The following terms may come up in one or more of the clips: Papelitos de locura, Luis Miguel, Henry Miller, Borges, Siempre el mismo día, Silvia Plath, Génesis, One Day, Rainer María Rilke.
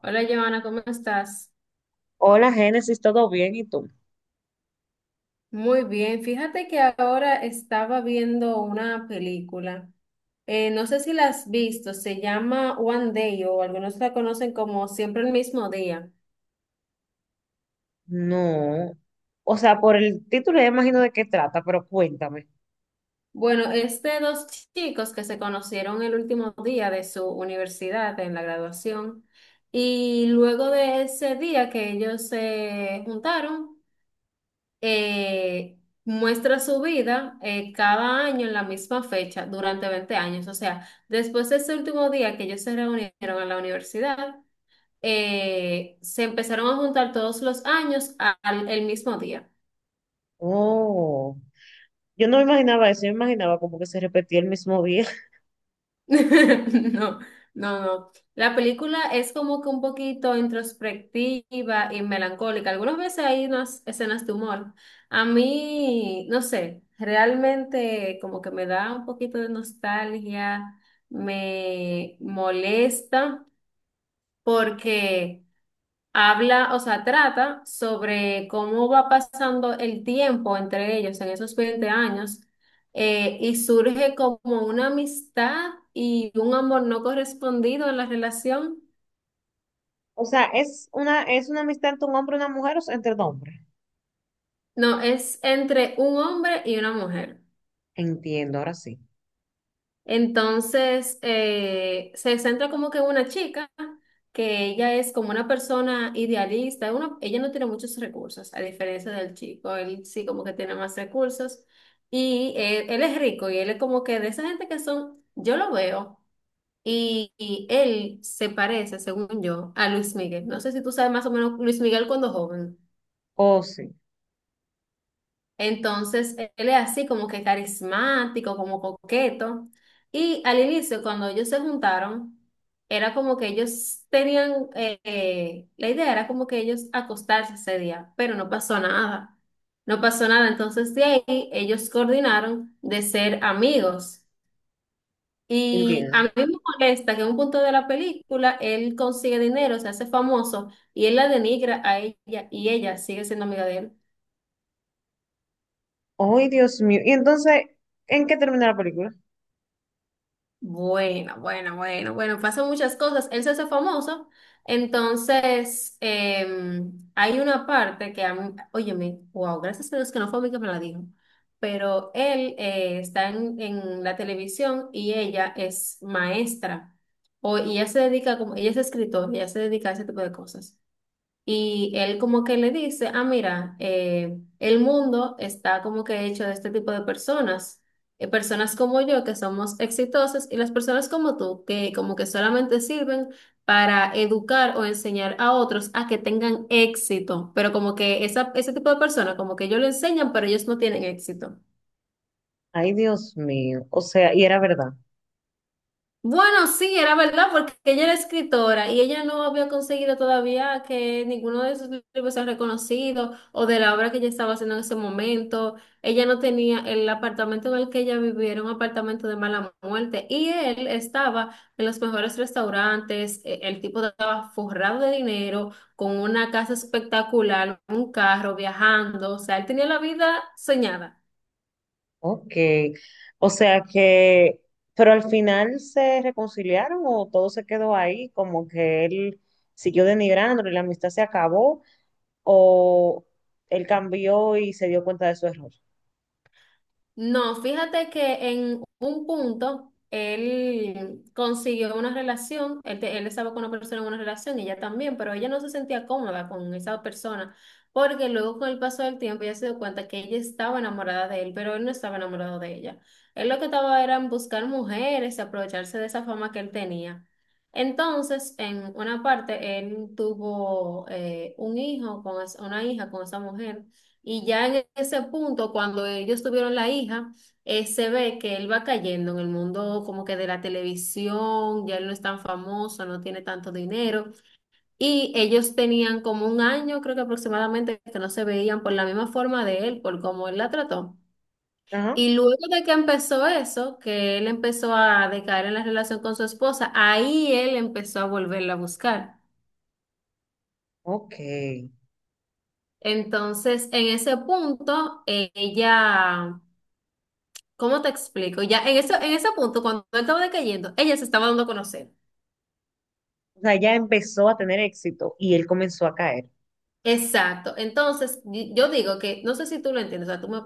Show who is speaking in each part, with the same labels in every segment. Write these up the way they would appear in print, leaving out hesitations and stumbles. Speaker 1: Hola, Joana, ¿cómo estás?
Speaker 2: Hola, Génesis, ¿todo bien? ¿Y tú?
Speaker 1: Muy bien. Fíjate que ahora estaba viendo una película. No sé si la has visto, se llama One Day o algunos la conocen como Siempre el mismo día.
Speaker 2: No. O sea, por el título ya imagino de qué trata, pero cuéntame.
Speaker 1: Bueno, es de dos chicos que se conocieron el último día de su universidad en la graduación y luego de ese día que ellos se juntaron, eh, muestra su vida cada año en la misma fecha durante 20 años. O sea, después de ese último día que ellos se reunieron en la universidad, se empezaron a juntar todos los años al el mismo día.
Speaker 2: Oh, yo no me imaginaba eso, yo me imaginaba como que se repetía el mismo día.
Speaker 1: No, no, no. La película es como que un poquito introspectiva y melancólica. Algunas veces hay unas escenas de humor. A mí, no sé, realmente como que me da un poquito de nostalgia, me molesta porque... Habla, o sea, trata sobre cómo va pasando el tiempo entre ellos en esos 20 años y surge como una amistad y un amor no correspondido en la relación.
Speaker 2: O sea, es una amistad entre un hombre y una mujer, o sea, entre dos hombres.
Speaker 1: No, es entre un hombre y una mujer.
Speaker 2: Entiendo, ahora sí.
Speaker 1: Entonces, se centra como que en una chica que ella es como una persona idealista, ella no tiene muchos recursos, a diferencia del chico, él sí como que tiene más recursos y él es rico y él es como que de esa gente que son, yo lo veo y él se parece, según yo, a Luis Miguel. No sé si tú sabes más o menos Luis Miguel cuando joven.
Speaker 2: Oh, sí,
Speaker 1: Entonces, él es así como que carismático, como coqueto. Y al inicio, cuando ellos se juntaron, era como que ellos tenían, la idea era como que ellos acostarse ese día, pero no pasó nada. No pasó nada. Entonces, de ahí, ellos coordinaron de ser amigos. Y a
Speaker 2: entiendo.
Speaker 1: mí me molesta que en un punto de la película él consigue dinero, se hace famoso y él la denigra a ella y ella sigue siendo amiga de él.
Speaker 2: Ay, Dios mío. Y entonces, ¿en qué termina la película?
Speaker 1: Bueno, bueno, bueno, bueno, pasan muchas cosas. Él se hace famoso. Entonces, hay una parte que, óyeme, wow, gracias a Dios que no fue a mí que me la dijo. Pero él está en la televisión y ella es maestra. O, y ella se dedica, como, ella es escritora, ella se dedica a ese tipo de cosas. Y él como que le dice, ah, mira, el mundo está como que hecho de este tipo de personas, personas como yo que somos exitosas y las personas como tú que como que solamente sirven para educar o enseñar a otros a que tengan éxito, pero como que ese tipo de personas como que ellos lo enseñan, pero ellos no tienen éxito.
Speaker 2: Ay, Dios mío. O sea, y era verdad.
Speaker 1: Bueno, sí, era verdad, porque ella era escritora y ella no había conseguido todavía que ninguno de sus libros sea reconocido o de la obra que ella estaba haciendo en ese momento. Ella no tenía el apartamento en el que ella vivía, era un apartamento de mala muerte y él estaba en los mejores restaurantes, el tipo estaba forrado de dinero, con una casa espectacular, un carro, viajando, o sea, él tenía la vida soñada.
Speaker 2: Ok, o sea que, pero al final se reconciliaron, o todo se quedó ahí, como que él siguió denigrándolo y la amistad se acabó, o él cambió y se dio cuenta de su error.
Speaker 1: No, fíjate que en un punto él consiguió una relación, él estaba con una persona en una relación, ella también, pero ella no se sentía cómoda con esa persona, porque luego con el paso del tiempo ella se dio cuenta que ella estaba enamorada de él, pero él no estaba enamorado de ella. Él lo que estaba era en buscar mujeres y aprovecharse de esa fama que él tenía. Entonces, en una parte, él tuvo un hijo con es- una hija con esa mujer. Y ya en ese punto, cuando ellos tuvieron la hija, se ve que él va cayendo en el mundo como que de la televisión, ya él no es tan famoso, no tiene tanto dinero. Y ellos tenían como un año, creo que aproximadamente, que no se veían por la misma forma de él, por cómo él la trató.
Speaker 2: Ajá,
Speaker 1: Y luego de que empezó eso, que él empezó a decaer en la relación con su esposa, ahí él empezó a volverla a buscar.
Speaker 2: ok.
Speaker 1: Entonces, en ese punto, ella... ¿Cómo te explico? Ya en eso, en ese punto, cuando él estaba decayendo, ella se estaba dando a conocer.
Speaker 2: O sea, ya empezó a tener éxito y él comenzó a caer.
Speaker 1: Exacto. Entonces, yo digo que, no sé si tú lo entiendes, o sea,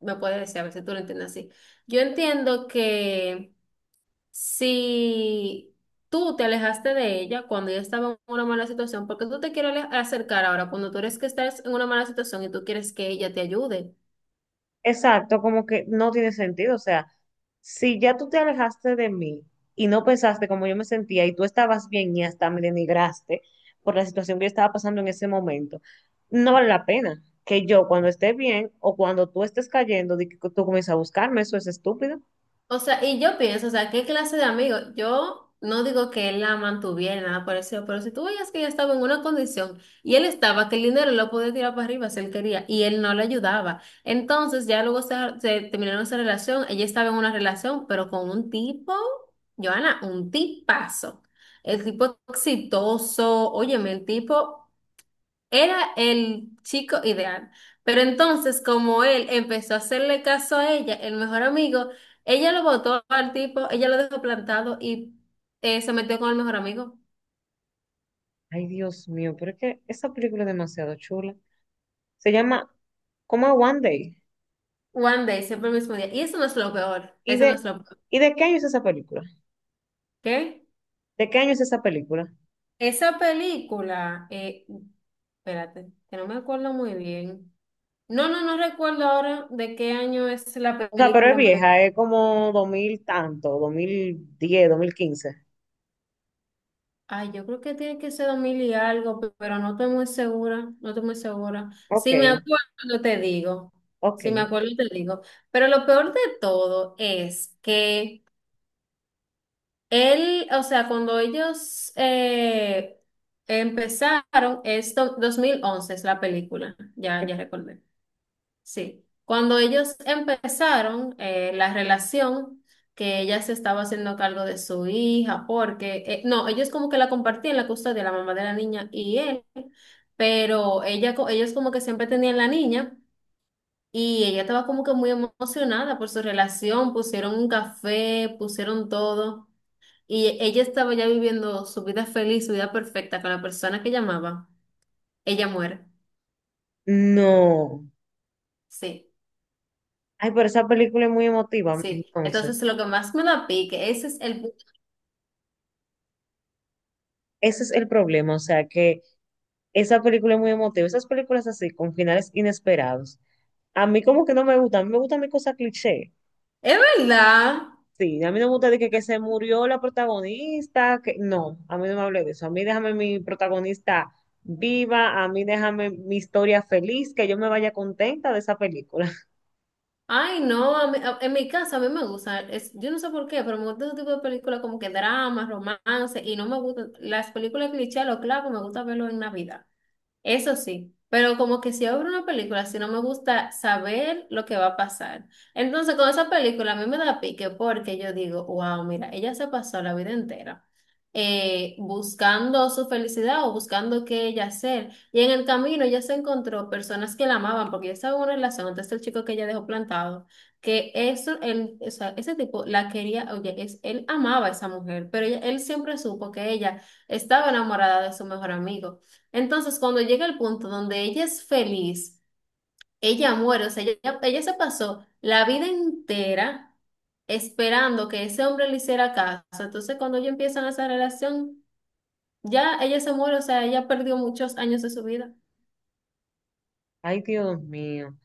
Speaker 1: me puedes decir a ver si tú lo entiendes así. Yo entiendo que si tú te alejaste de ella cuando ella estaba en una mala situación, porque tú te quieres acercar ahora cuando tú eres que estás en una mala situación y tú quieres que ella te ayude.
Speaker 2: Exacto, como que no tiene sentido. O sea, si ya tú te alejaste de mí y no pensaste como yo me sentía y tú estabas bien y hasta me denigraste por la situación que yo estaba pasando en ese momento, no vale la pena que yo, cuando esté bien o cuando tú estés cayendo, di que tú comiences a buscarme. Eso es estúpido.
Speaker 1: O sea, y yo pienso, o sea, ¿qué clase de amigo? Yo no digo que él la mantuviera, nada parecido, pero si tú veías que ella estaba en una condición y él estaba, que el dinero lo podía tirar para arriba si él quería y él no le ayudaba. Entonces, ya luego se terminaron esa relación, ella estaba en una relación, pero con un tipo, Joana, un tipazo. El tipo exitoso, óyeme, el tipo era el chico ideal. Pero entonces, como él empezó a hacerle caso a ella, el mejor amigo, ella lo botó al tipo, ella lo dejó plantado y se metió con el mejor amigo.
Speaker 2: Ay, Dios mío, pero es que esa película es demasiado chula. Se llama como One Day.
Speaker 1: One day, siempre el mismo día. Y eso no es lo peor.
Speaker 2: ¿Y
Speaker 1: Eso no
Speaker 2: de,
Speaker 1: es lo peor.
Speaker 2: ¿Y de qué año es esa película?
Speaker 1: ¿Qué?
Speaker 2: ¿De qué año es esa película?
Speaker 1: Esa película, espérate, que no me acuerdo muy bien. No, no recuerdo ahora de qué año es la
Speaker 2: O sea, pero
Speaker 1: película,
Speaker 2: es
Speaker 1: en verdad.
Speaker 2: vieja, es como 2000 tanto, 2010, 2015.
Speaker 1: Ay, yo creo que tiene que ser 2000 y algo, pero no estoy muy segura, no estoy muy segura.
Speaker 2: Ok,
Speaker 1: Si me acuerdo, te digo.
Speaker 2: ok.
Speaker 1: Si me acuerdo, te digo. Pero lo peor de todo es que él, o sea, cuando ellos empezaron, es 2011 es la película, ya recordé. Sí, cuando ellos empezaron la relación, que ella se estaba haciendo cargo de su hija, porque, no, ellos como que la compartían la custodia, la mamá de la niña y él, pero ellos como que siempre tenían la niña y ella estaba como que muy emocionada por su relación, pusieron un café, pusieron todo y ella estaba ya viviendo su vida feliz, su vida perfecta con la persona que llamaba, ella muere.
Speaker 2: No.
Speaker 1: Sí.
Speaker 2: Ay, pero esa película es muy emotiva,
Speaker 1: Sí,
Speaker 2: entonces.
Speaker 1: entonces lo que más me da pique, ese es el
Speaker 2: Ese es el problema, o sea, que esa película es muy emotiva. Esas películas así, con finales inesperados, a mí como que no me gustan, a mí me gustan mi cosas cliché.
Speaker 1: Es verdad.
Speaker 2: Sí, a mí no me gusta de que se murió la protagonista, que no, a mí no me hable de eso. A mí déjame mi protagonista viva, a mí déjame mi historia feliz, que yo me vaya contenta de esa película.
Speaker 1: Ay, no, en mi casa a mí me gusta, es, yo no sé por qué, pero me gusta ese tipo de películas como que drama, romance, y no me gustan las películas cliché, lo claro, me gusta verlo en Navidad. Eso sí, pero como que si abro una película, si no me gusta saber lo que va a pasar. Entonces, con esa película a mí me da pique porque yo digo, wow, mira, ella se pasó la vida entera buscando su felicidad o buscando qué ella hacer. Y en el camino ella se encontró personas que la amaban porque ella estaba en una relación, entonces el chico que ella dejó plantado, que eso, él, o sea, ese tipo la quería, oye, es, él amaba a esa mujer, pero él siempre supo que ella estaba enamorada de su mejor amigo. Entonces, cuando llega el punto donde ella es feliz, ella muere, o sea, ella se pasó la vida entera esperando que ese hombre le hiciera caso. Entonces, cuando ellos empiezan esa relación, ya ella se muere, o sea, ella perdió muchos años de su vida.
Speaker 2: Ay, Dios mío.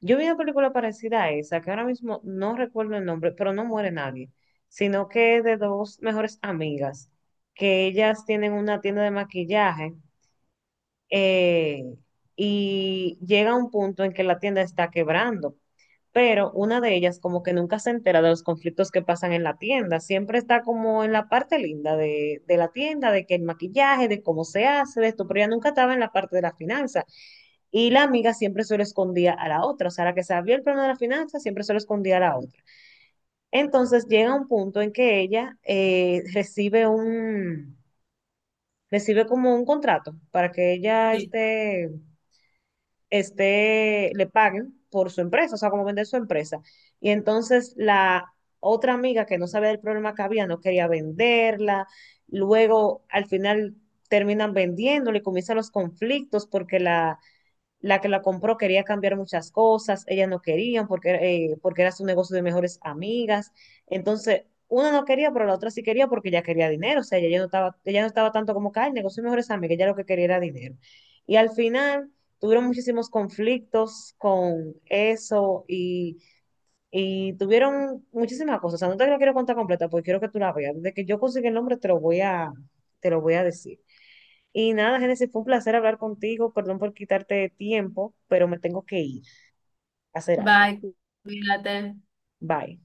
Speaker 2: Yo vi una película parecida a esa, que ahora mismo no recuerdo el nombre, pero no muere nadie, sino que es de dos mejores amigas, que ellas tienen una tienda de maquillaje, eh, y llega un punto en que la tienda está quebrando. Pero una de ellas como que nunca se entera de los conflictos que pasan en la tienda, siempre está como en la parte linda de la tienda, de que el maquillaje, de cómo se hace, de esto, pero ella nunca estaba en la parte de la finanza. Y la amiga siempre se lo escondía a la otra, o sea, la que sabía el plano de la finanza siempre se lo escondía a la otra. Entonces llega un punto en que ella recibe recibe como un contrato para que ella
Speaker 1: Sí.
Speaker 2: esté este, le paguen por su empresa, o sea, como vender su empresa. Y entonces la otra amiga, que no sabía del problema que había, no quería venderla, luego al final terminan vendiéndole, y comienzan los conflictos porque la que la compró quería cambiar muchas cosas, ellas no querían porque, porque era su negocio de mejores amigas. Entonces, una no quería, pero la otra sí quería porque ella quería dinero. O sea, ella, ya no estaba, ella no estaba tanto como que "Ay, el negocio de mejores amigas", ella lo que quería era dinero. Y al final tuvieron muchísimos conflictos con eso, y tuvieron muchísimas cosas. O sea, no te la quiero contar completa porque quiero que tú la veas. Desde que yo consiga el nombre te lo voy a decir. Y nada, Génesis, fue un placer hablar contigo. Perdón por quitarte tiempo, pero me tengo que ir a hacer algo.
Speaker 1: Bye, cuídate.
Speaker 2: Bye.